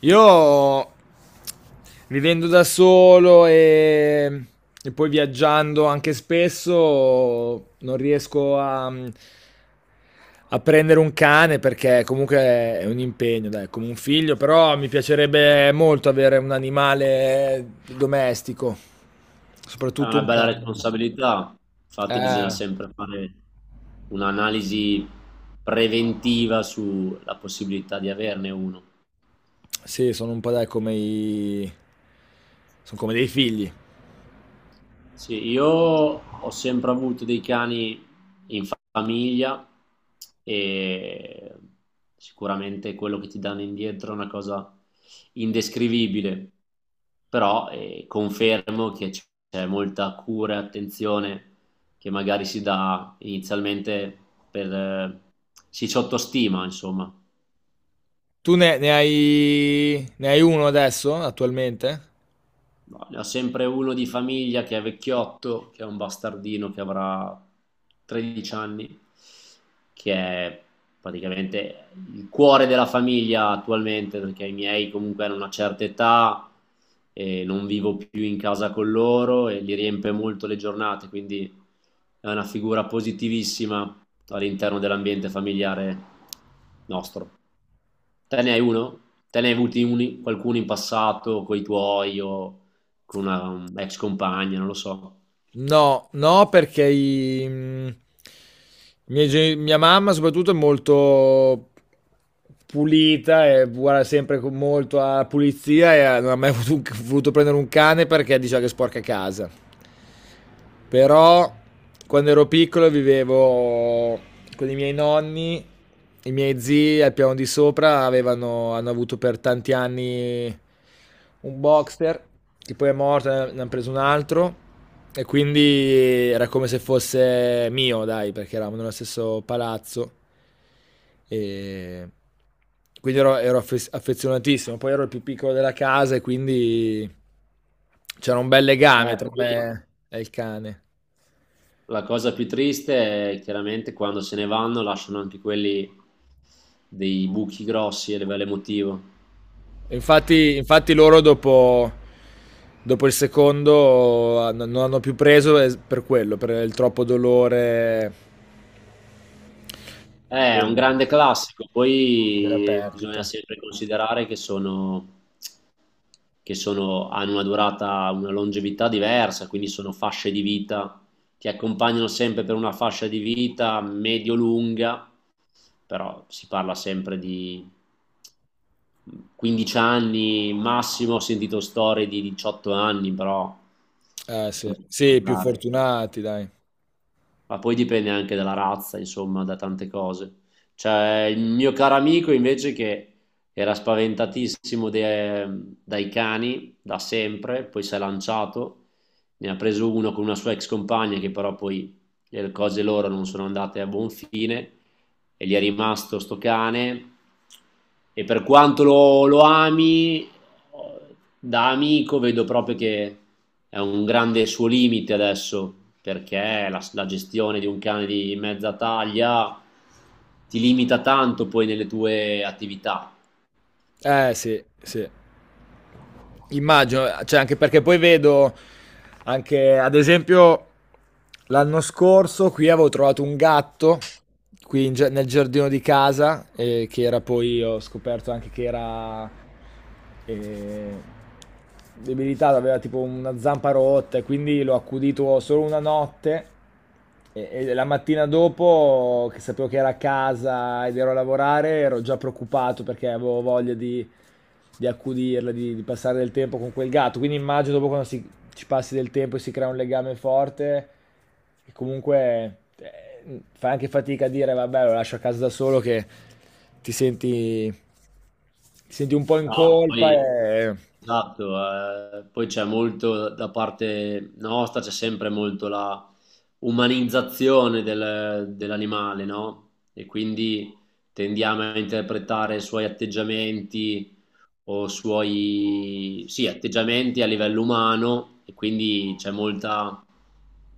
Io vivendo da solo e poi viaggiando anche spesso non riesco a prendere un cane perché comunque è un impegno, dai, è come un figlio, però mi piacerebbe molto avere un animale domestico, È soprattutto una un bella cane. responsabilità, infatti bisogna Eh, sempre fare un'analisi preventiva sulla possibilità di averne uno. sì, sono un po', dai, come sono come dei figli. Sì, io ho sempre avuto dei cani famiglia e sicuramente quello che ti danno indietro è una cosa indescrivibile, però confermo che c'è molta cura e attenzione che magari si dà inizialmente per, si sottostima, insomma. Tu ne hai uno adesso, attualmente? No, ne ho sempre uno di famiglia che è vecchiotto, che è un bastardino che avrà 13 anni, che è praticamente il cuore della famiglia attualmente, perché i miei comunque hanno una certa età e non vivo più in casa con loro e li riempie molto le giornate, quindi è una figura positivissima all'interno dell'ambiente familiare nostro. Te ne hai uno? Te ne hai avuti uni, qualcuno in passato con i tuoi o con una ex compagna, non lo so. No, no, perché mia mamma soprattutto è molto pulita e guarda sempre con molto alla pulizia e non ha mai voluto prendere un cane perché diceva che sporca casa. Però quando ero piccolo vivevo con i miei nonni, i miei zii al piano di sopra hanno avuto per tanti anni un boxer che poi è morto, ne hanno preso un altro. E quindi era come se fosse mio, dai, perché eravamo nello stesso palazzo. E quindi ero affezionatissimo. Poi ero il più piccolo della casa e quindi c'era un bel legame tra Poi me e il cane. la cosa più triste è chiaramente quando se ne vanno lasciano anche quelli dei buchi grossi a livello emotivo. E infatti loro dopo il secondo non hanno più preso per quello, per il troppo dolore, È eh, un grande classico, della poi bisogna perdita. sempre considerare che hanno una durata, una longevità diversa, quindi sono fasce di vita, ti accompagnano sempre per una fascia di vita medio-lunga però si parla sempre di 15 anni massimo, ho sentito storie di 18 anni, però Eh sono sì, sì, più rare fortunati dai. ma poi dipende anche dalla razza, insomma, da tante cose. Cioè, il mio caro amico invece che era spaventatissimo dai cani da sempre, poi si è lanciato, ne ha preso uno con una sua ex compagna che però poi le cose loro non sono andate a buon fine e gli è rimasto sto cane e per quanto lo ami, da amico vedo proprio che è un grande suo limite adesso perché la gestione di un cane di mezza taglia ti limita tanto poi nelle tue attività. Eh sì, sì. Immagino, cioè anche perché poi vedo anche, ad esempio, l'anno scorso qui avevo trovato un gatto qui nel giardino di casa, che era poi, ho scoperto anche che era, eh, debilitato, aveva tipo una zampa rotta e quindi l'ho accudito solo una notte. E la mattina dopo, che sapevo che era a casa ed ero a lavorare, ero già preoccupato perché avevo voglia di accudirla, di passare del tempo con quel gatto. Quindi immagino dopo quando ci passi del tempo e si crea un legame forte, che comunque, fai anche fatica a dire, vabbè, lo lascio a casa da solo, che ti senti, ti senti un po' in No, colpa poi, e... esatto, poi c'è molto da parte nostra, c'è sempre molto la umanizzazione dell'animale, no? E quindi tendiamo a interpretare i suoi atteggiamenti o suoi, sì, atteggiamenti a livello umano e quindi c'è molta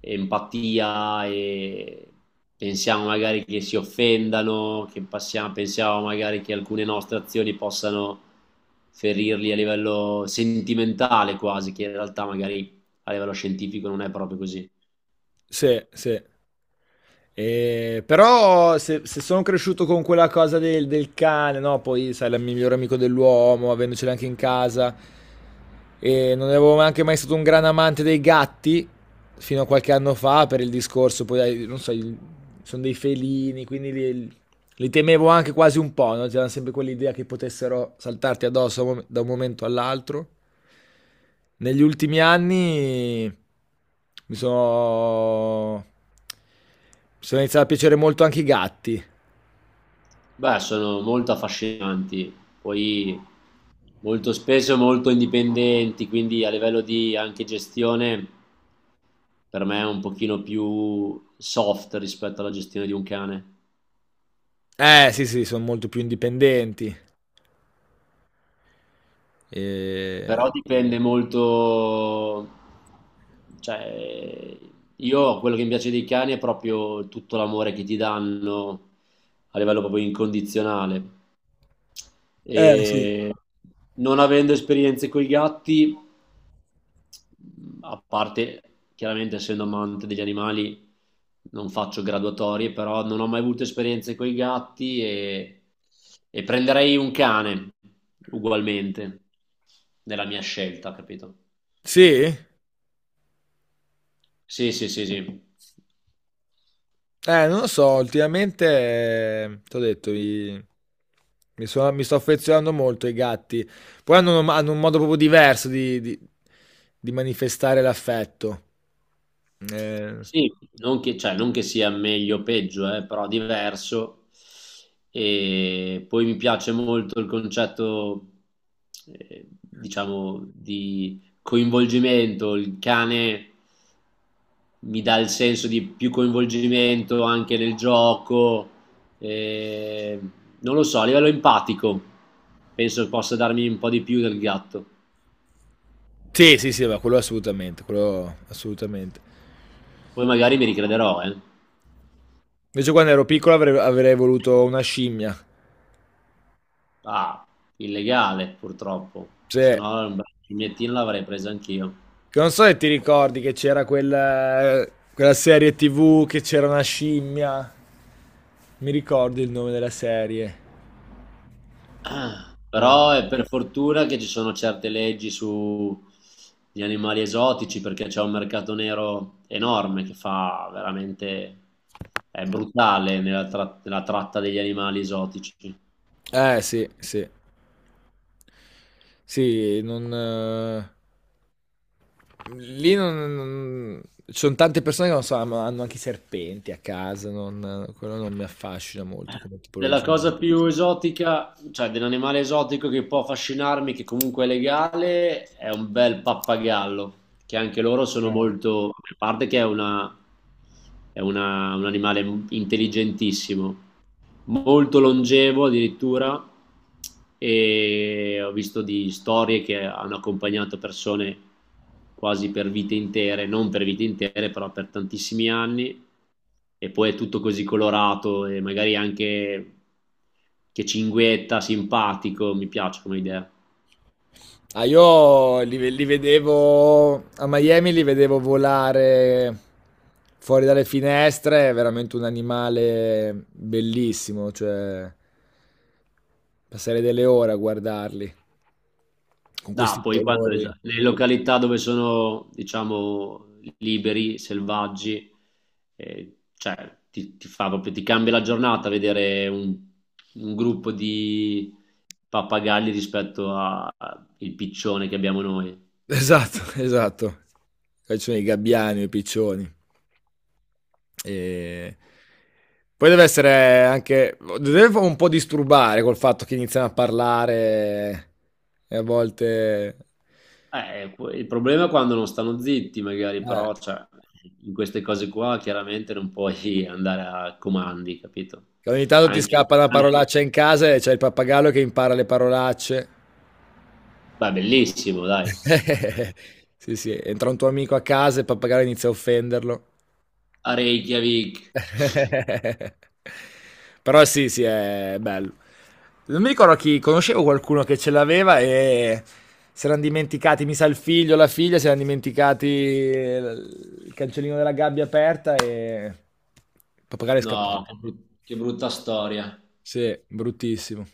empatia e pensiamo magari che si offendano, che pensiamo magari che alcune nostre azioni possano ferirli a livello sentimentale quasi, che in realtà magari a livello scientifico non è proprio così. Sì, sì. Però se sono cresciuto con quella cosa del cane, no? Poi sai, la migliore amico dell'uomo, avendocela anche in casa, e non avevo neanche mai stato un gran amante dei gatti fino a qualche anno fa per il discorso, poi dai, non so, sono dei felini, quindi li temevo anche quasi un po', no? C'era sempre quell'idea che potessero saltarti addosso a un da un momento all'altro. Negli ultimi anni mi sono... mi sono iniziato a piacere molto anche i gatti. Beh, sono molto affascinanti, poi molto spesso molto indipendenti, quindi a livello di anche gestione per me è un pochino più soft rispetto alla gestione di un cane. Sì, sì, sono molto più indipendenti. E... Però dipende molto, cioè io quello che mi piace dei cani è proprio tutto l'amore che ti danno a livello proprio incondizionale Eh sì. e non avendo esperienze con i gatti, a parte chiaramente essendo amante degli animali non faccio graduatorie, però non ho mai avuto esperienze con i gatti e prenderei un cane ugualmente nella mia scelta, capito? Sì? Sì, sì, sì, sì. Non lo so, ultimamente, ti ho detto, mi sto affezionando molto ai gatti. Poi hanno un modo proprio diverso di manifestare l'affetto. Eh, Sì, non che, cioè, non che sia meglio o peggio, però diverso. E poi mi piace molto il concetto, diciamo, di coinvolgimento. Il cane mi dà il senso di più coinvolgimento anche nel gioco. eh, non lo so, a livello empatico penso possa darmi un po' di più del gatto. sì, sì, sì, ma quello assolutamente, quello assolutamente. Poi magari mi ricrederò, eh. Invece quando ero piccolo avrei voluto una scimmia. Ah, illegale purtroppo, se Cioè, no un bel cignettino l'avrei preso anch'io. che non so se ti ricordi che c'era quella serie TV che c'era una scimmia. Mi ricordo il nome della serie. Eh. Però è per fortuna che ci sono certe leggi sugli animali esotici perché c'è un mercato nero enorme che fa veramente, è brutale nella, nella tratta degli animali esotici. Eh sì, sì. Sì, non... Lì non... non- Ci sono tante persone che non so, hanno anche i serpenti a casa, non, quello non mi affascina molto come Della tipologia. cosa più esotica, cioè dell'animale esotico che può affascinarmi, che comunque è legale, è un bel pappagallo, che anche loro sono Eh. molto, a parte che è un animale intelligentissimo, molto longevo addirittura e ho visto di storie che hanno accompagnato persone quasi per vite intere, non per vite intere, però per tantissimi anni e poi è tutto così colorato e magari anche che cinguetta, simpatico, mi piace come idea. Ah, io li vedevo a Miami, li vedevo volare fuori dalle finestre, è veramente un animale bellissimo, cioè passare delle ore a guardarli con Ah, questi poi quando colori. le località dove sono, diciamo, liberi, selvaggi, cioè, ti fa proprio, ti cambia la giornata vedere un gruppo di pappagalli rispetto al piccione che abbiamo noi. Esatto, esatto. Poi ci sono i gabbiani, i piccioni. E... Poi deve essere anche... Deve un po' disturbare col fatto che iniziano a parlare e a volte... Il problema è quando non stanno zitti, magari, eh, però, cioè, in queste cose qua chiaramente non puoi andare a comandi, capito? che ogni tanto ti Anche, scappa una ah, no, parolaccia in casa e c'è il pappagallo che impara le parolacce. beh, bellissimo, dai. Sì, sì, entra un tuo amico a casa e il pappagallo inizia a offenderlo. A Reykjavik. Però sì, sì, è bello. Non mi ricordo chi, conoscevo qualcuno che ce l'aveva e si erano dimenticati, mi sa il figlio, o la figlia, si erano dimenticati il cancellino della gabbia aperta e il pappagallo è scappato. No, che brutta storia. Sì, bruttissimo.